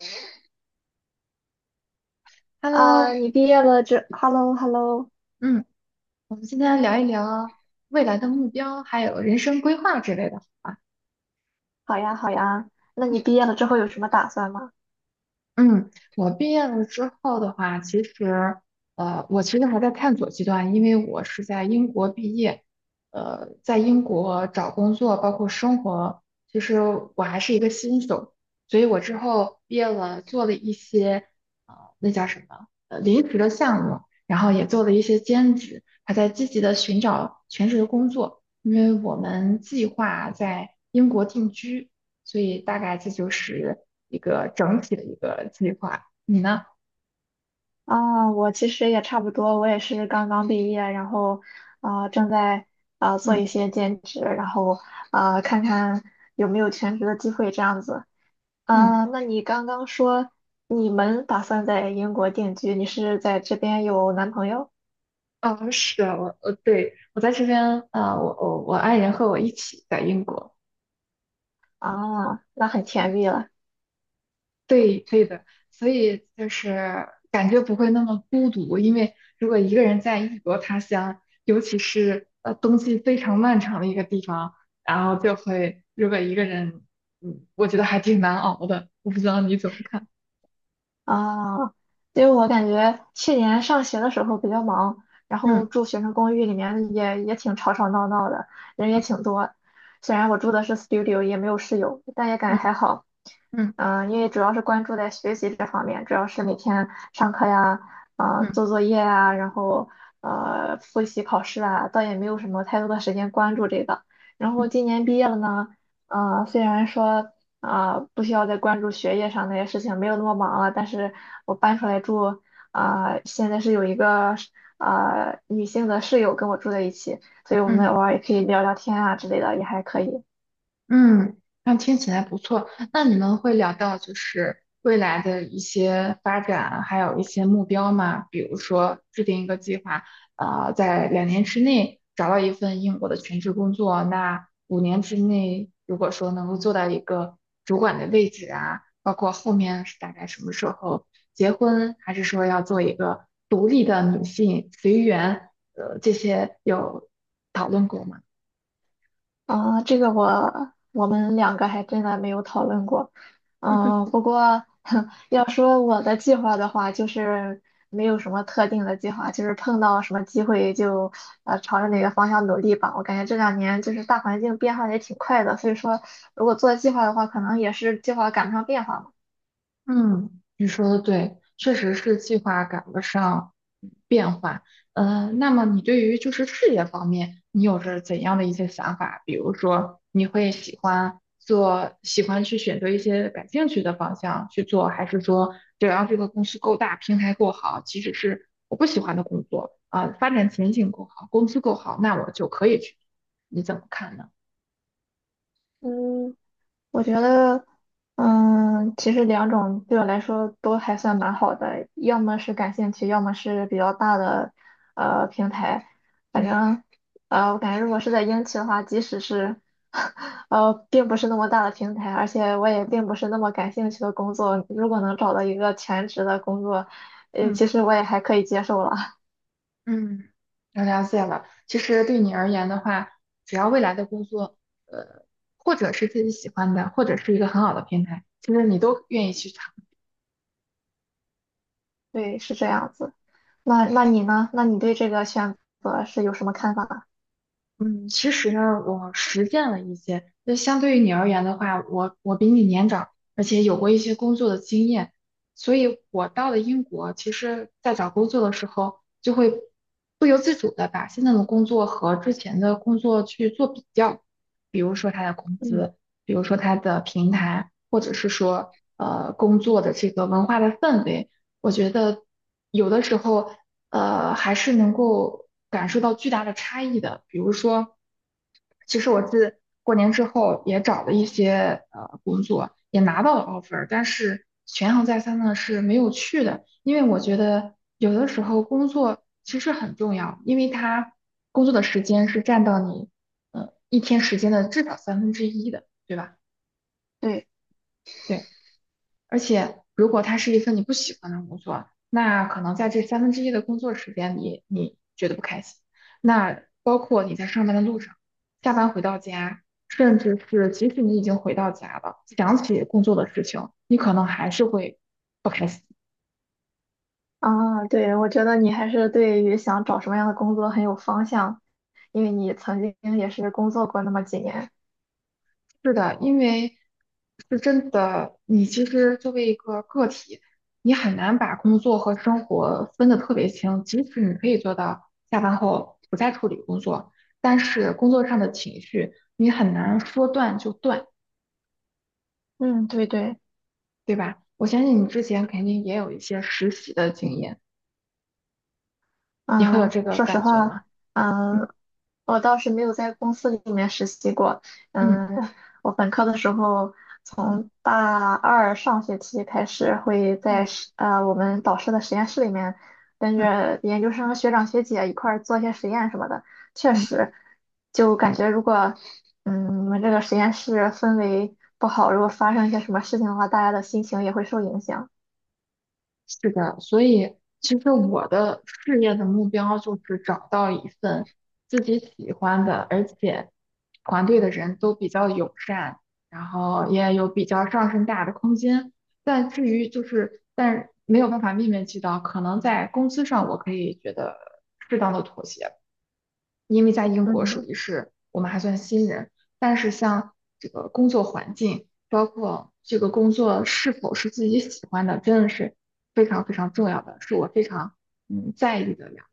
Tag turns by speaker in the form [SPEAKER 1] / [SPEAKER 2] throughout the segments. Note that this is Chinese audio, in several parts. [SPEAKER 1] 啊，
[SPEAKER 2] Hello，
[SPEAKER 1] 你毕业了之，hello hello，
[SPEAKER 2] 嗯。我们今天聊一聊未来的目标，还有人生规划之类的。啊。
[SPEAKER 1] 好呀好呀。那你毕业了之后有什么打算吗？
[SPEAKER 2] 嗯，我毕业了之后的话，其实，我其实还在探索阶段，因为我是在英国毕业，在英国找工作，包括生活，其实我还是一个新手，所以我之后毕业了，做了一些，呃，那叫什么，临时的项目，然后也做了一些兼职，还在积极的寻找全职的工作，因为我们计划在英国定居。所以大概这就是一个整体的一个计划。你呢？
[SPEAKER 1] 啊，我其实也差不多，我也是刚刚毕业，然后啊，正在啊做一
[SPEAKER 2] 嗯
[SPEAKER 1] 些兼职，然后啊看看有没有全职的机会这样子。
[SPEAKER 2] 嗯，
[SPEAKER 1] 啊，那你刚刚说你们打算在英国定居，你是在这边有男朋友
[SPEAKER 2] 哦，是我我呃对，我在这边啊、我爱人和我一起在英国。
[SPEAKER 1] 啊？那很甜
[SPEAKER 2] 嗯
[SPEAKER 1] 蜜了。
[SPEAKER 2] 对对的，所以就是感觉不会那么孤独，因为如果一个人在异国他乡，尤其是冬季非常漫长的一个地方，然后就会如果一个人，我觉得还挺难熬的。我不知道你怎么看？
[SPEAKER 1] 啊，因为我感觉去年上学的时候比较忙，然后
[SPEAKER 2] 嗯
[SPEAKER 1] 住学生公寓里面也挺吵吵闹闹的，人也
[SPEAKER 2] 嗯
[SPEAKER 1] 挺多。虽然我住的是 studio，也没有室友，但也感觉还
[SPEAKER 2] 嗯
[SPEAKER 1] 好。
[SPEAKER 2] 嗯
[SPEAKER 1] 因为主要是关注在学习这方面，主要是每天上课呀，啊、
[SPEAKER 2] 嗯
[SPEAKER 1] 做作业啊，然后复习考试啊，倒也没有什么太多的时间关注这个。然后今年毕业了呢，啊，虽然说。啊、不需要再关注学业上那些事情，没有那么忙了。但是我搬出来住啊、现在是有一个啊、女性的室友跟我住在一起，所以我
[SPEAKER 2] 嗯。
[SPEAKER 1] 们偶尔也可以聊聊天啊之类的，也还可以。
[SPEAKER 2] 嗯，那听起来不错。那你们会聊到就是未来的一些发展，还有一些目标吗？比如说制定一个计划，在2年之内找到一份英国的全职工作，那5年之内如果说能够做到一个主管的位置啊，包括后面是大概什么时候结婚，还是说要做一个独立的女性随缘，这些有讨论过吗？
[SPEAKER 1] 啊，这个我们两个还真的没有讨论过。嗯，不过 要说我的计划的话，就是没有什么特定的计划，就是碰到什么机会就朝着哪个方向努力吧。我感觉这两年就是大环境变化也挺快的，所以说如果做计划的话，可能也是计划赶不上变化嘛。
[SPEAKER 2] 嗯，你说的对，确实是计划赶不上变化。那么你对于就是事业方面，你有着怎样的一些想法？比如说，你会喜欢做，喜欢去选择一些感兴趣的方向去做，还是说只要这个公司够大，平台够好，即使是我不喜欢的工作啊，发展前景够好，工资够好，那我就可以去做。你怎么看呢？
[SPEAKER 1] 嗯，我觉得，其实两种对我来说都还算蛮好的，要么是感兴趣，要么是比较大的平台。反
[SPEAKER 2] 嗯
[SPEAKER 1] 正，我感觉如果是在英企的话，即使是 并不是那么大的平台，而且我也并不是那么感兴趣的工作，如果能找到一个全职的工作，其
[SPEAKER 2] 嗯。
[SPEAKER 1] 实我也还可以接受了。
[SPEAKER 2] 嗯，我了解了。其实对你而言的话，只要未来的工作，呃，或者是自己喜欢的，或者是一个很好的平台，其实你都愿意去尝
[SPEAKER 1] 对，是这样子。那你呢？那你对这个选择是有什么看法？
[SPEAKER 2] 嗯，其实呢，我实践了一些。就相对于你而言的话，我比你年长，而且有过一些工作的经验，所以我到了英国，其实在找工作的时候，就会不由自主的把现在的工作和之前的工作去做比较，比如说它的工
[SPEAKER 1] 嗯。
[SPEAKER 2] 资，比如说它的平台，或者是说工作的这个文化的氛围。我觉得有的时候，还是能够感受到巨大的差异的。比如说，其实我自过年之后也找了一些工作，也拿到了 offer，但是权衡再三呢是没有去的，因为我觉得有的时候工作其实很重要，因为它工作的时间是占到你一天时间的至少三分之一的，对吧？
[SPEAKER 1] 对。
[SPEAKER 2] 对。而且，如果它是一份你不喜欢的工作，那可能在这三分之一的工作时间里，你觉得不开心。那包括你在上班的路上、下班回到家，甚至是即使你已经回到家了，想起工作的事情，你可能还是会不开心。
[SPEAKER 1] 啊，对，我觉得你还是对于想找什么样的工作很有方向，因为你曾经也是工作过那么几年。
[SPEAKER 2] 是的，因为是真的，你其实作为一个个体，你很难把工作和生活分得特别清。即使你可以做到下班后不再处理工作，但是工作上的情绪你很难说断就断，
[SPEAKER 1] 嗯，对对。
[SPEAKER 2] 对吧？我相信你之前肯定也有一些实习的经验，你会有
[SPEAKER 1] 嗯，
[SPEAKER 2] 这个
[SPEAKER 1] 说实
[SPEAKER 2] 感觉吗？
[SPEAKER 1] 话，
[SPEAKER 2] 嗯
[SPEAKER 1] 嗯，我倒是没有在公司里面实习过。
[SPEAKER 2] 嗯
[SPEAKER 1] 嗯，我本科的时候，
[SPEAKER 2] 嗯
[SPEAKER 1] 从大二上学期开始，会在
[SPEAKER 2] 嗯。
[SPEAKER 1] 我们导师的实验室里面，跟
[SPEAKER 2] 嗯
[SPEAKER 1] 着研究生学长学姐一块儿做一些实验什么的。确
[SPEAKER 2] 嗯。
[SPEAKER 1] 实，就感觉如果我们这个实验室氛围不好，如果发生一些什么事情的话，大家的心情也会受影响。
[SPEAKER 2] 是的，所以其实我的事业的目标就是找到一份自己喜欢的，而且团队的人都比较友善，然后也有比较上升大的空间。但至于就是，但没有办法面面俱到，可能在工资上我可以觉得适当的妥协吧。因为在英国属
[SPEAKER 1] 嗯，
[SPEAKER 2] 于是我们还算新人，但是像这个工作环境，包括这个工作是否是自己喜欢的，真的是非常非常重要的，是我非常在意的呀。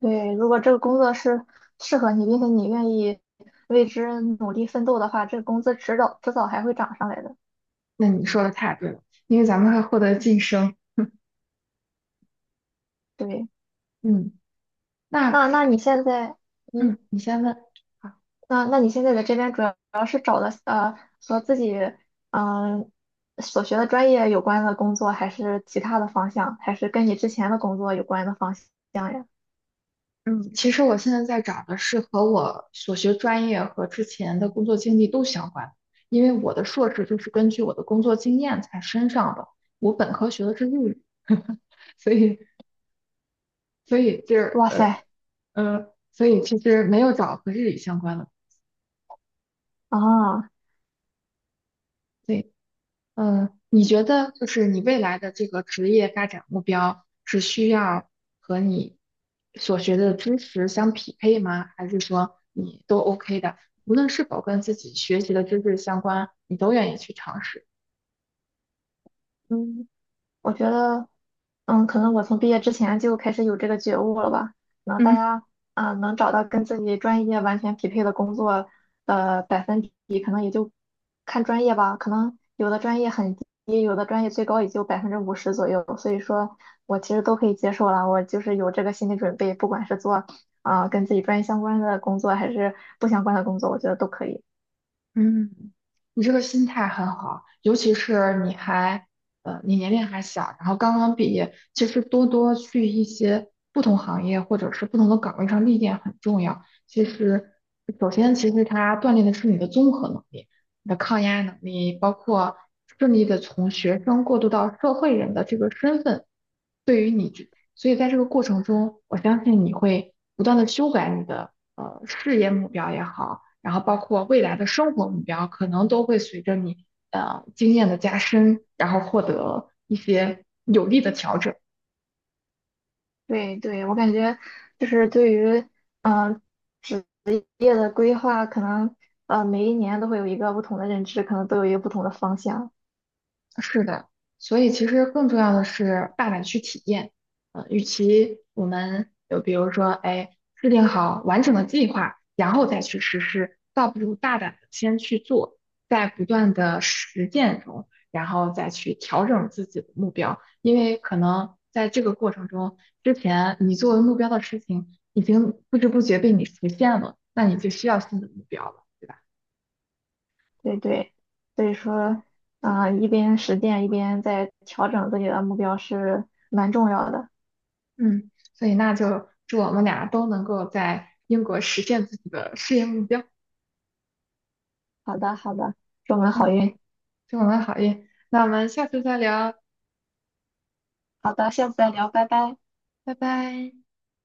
[SPEAKER 1] 对，如果这个工作是适合你，并且你愿意为之努力奋斗的话，这个工资迟早迟早还会涨上来的。
[SPEAKER 2] 那你说的太对了，因为咱们会获得晋升。
[SPEAKER 1] 对，
[SPEAKER 2] 嗯，
[SPEAKER 1] 那
[SPEAKER 2] 那
[SPEAKER 1] 那你现在，嗯，
[SPEAKER 2] 嗯，你先问。好
[SPEAKER 1] 那你现在在这边主要是找的和自己嗯、所学的专业有关的工作，还是其他的方向，还是跟你之前的工作有关的方向呀？
[SPEAKER 2] 嗯，其实我现在在找的是和我所学专业和之前的工作经历都相关的因为我的硕士就是根据我的工作经验才升上的，我本科学的是日语，所以所以就是
[SPEAKER 1] 哇
[SPEAKER 2] 呃
[SPEAKER 1] 塞
[SPEAKER 2] 呃所以其实没有找和日语相关的，
[SPEAKER 1] 啊！
[SPEAKER 2] 对，嗯，你觉得就是你未来的这个职业发展目标是需要和你所学的知识相匹配吗？还是说你都 OK 的，无论是否跟自己学习的知识相关，你都愿意去尝试？
[SPEAKER 1] 嗯。我觉得，可能我从毕业之前就开始有这个觉悟了吧。可能大
[SPEAKER 2] 嗯。
[SPEAKER 1] 家啊，能找到跟自己专业完全匹配的工作的百分比，可能也就看专业吧。可能有的专业很低，有的专业最高也就50%左右。所以说我其实都可以接受了。我就是有这个心理准备，不管是做啊跟自己专业相关的工作，还是不相关的工作，我觉得都可以。
[SPEAKER 2] 嗯，你这个心态很好，尤其是你还，你年龄还小，然后刚刚毕业，其实多多去一些不同行业或者是不同的岗位上历练很重要。其实，首先其实它锻炼的是你的综合能力、你的抗压能力，包括顺利的从学生过渡到社会人的这个身份，对于你这，所以在这个过程中，我相信你会不断的修改你的事业目标也好，然后包括未来的生活目标，可能都会随着你经验的加深，然后获得一些有力的调整。
[SPEAKER 1] 对对，我感觉就是对于嗯。呃业的规划可能每一年都会有一个不同的认知，可能都有一个不同的方向。
[SPEAKER 2] 是的，所以其实更重要的是大胆去体验。与其我们就比如说，哎，制定好完整的计划，然后再去实施，倒不如大胆的先去做，在不断的实践中，然后再去调整自己的目标。因为可能在这个过程中，之前你作为目标的事情已经不知不觉被你实现了，那你就需要新的目标了，对吧？
[SPEAKER 1] 对对，所以说啊、一边实践一边在调整自己的目标是蛮重要的。
[SPEAKER 2] 嗯，所以那就祝我们俩都能够在英国实现自己的事业目标。
[SPEAKER 1] 好的好的，祝我们好
[SPEAKER 2] 嗯，
[SPEAKER 1] 运。
[SPEAKER 2] 祝我们好运。那我们下次再聊，
[SPEAKER 1] 好的，下次再聊，拜拜。
[SPEAKER 2] 拜拜。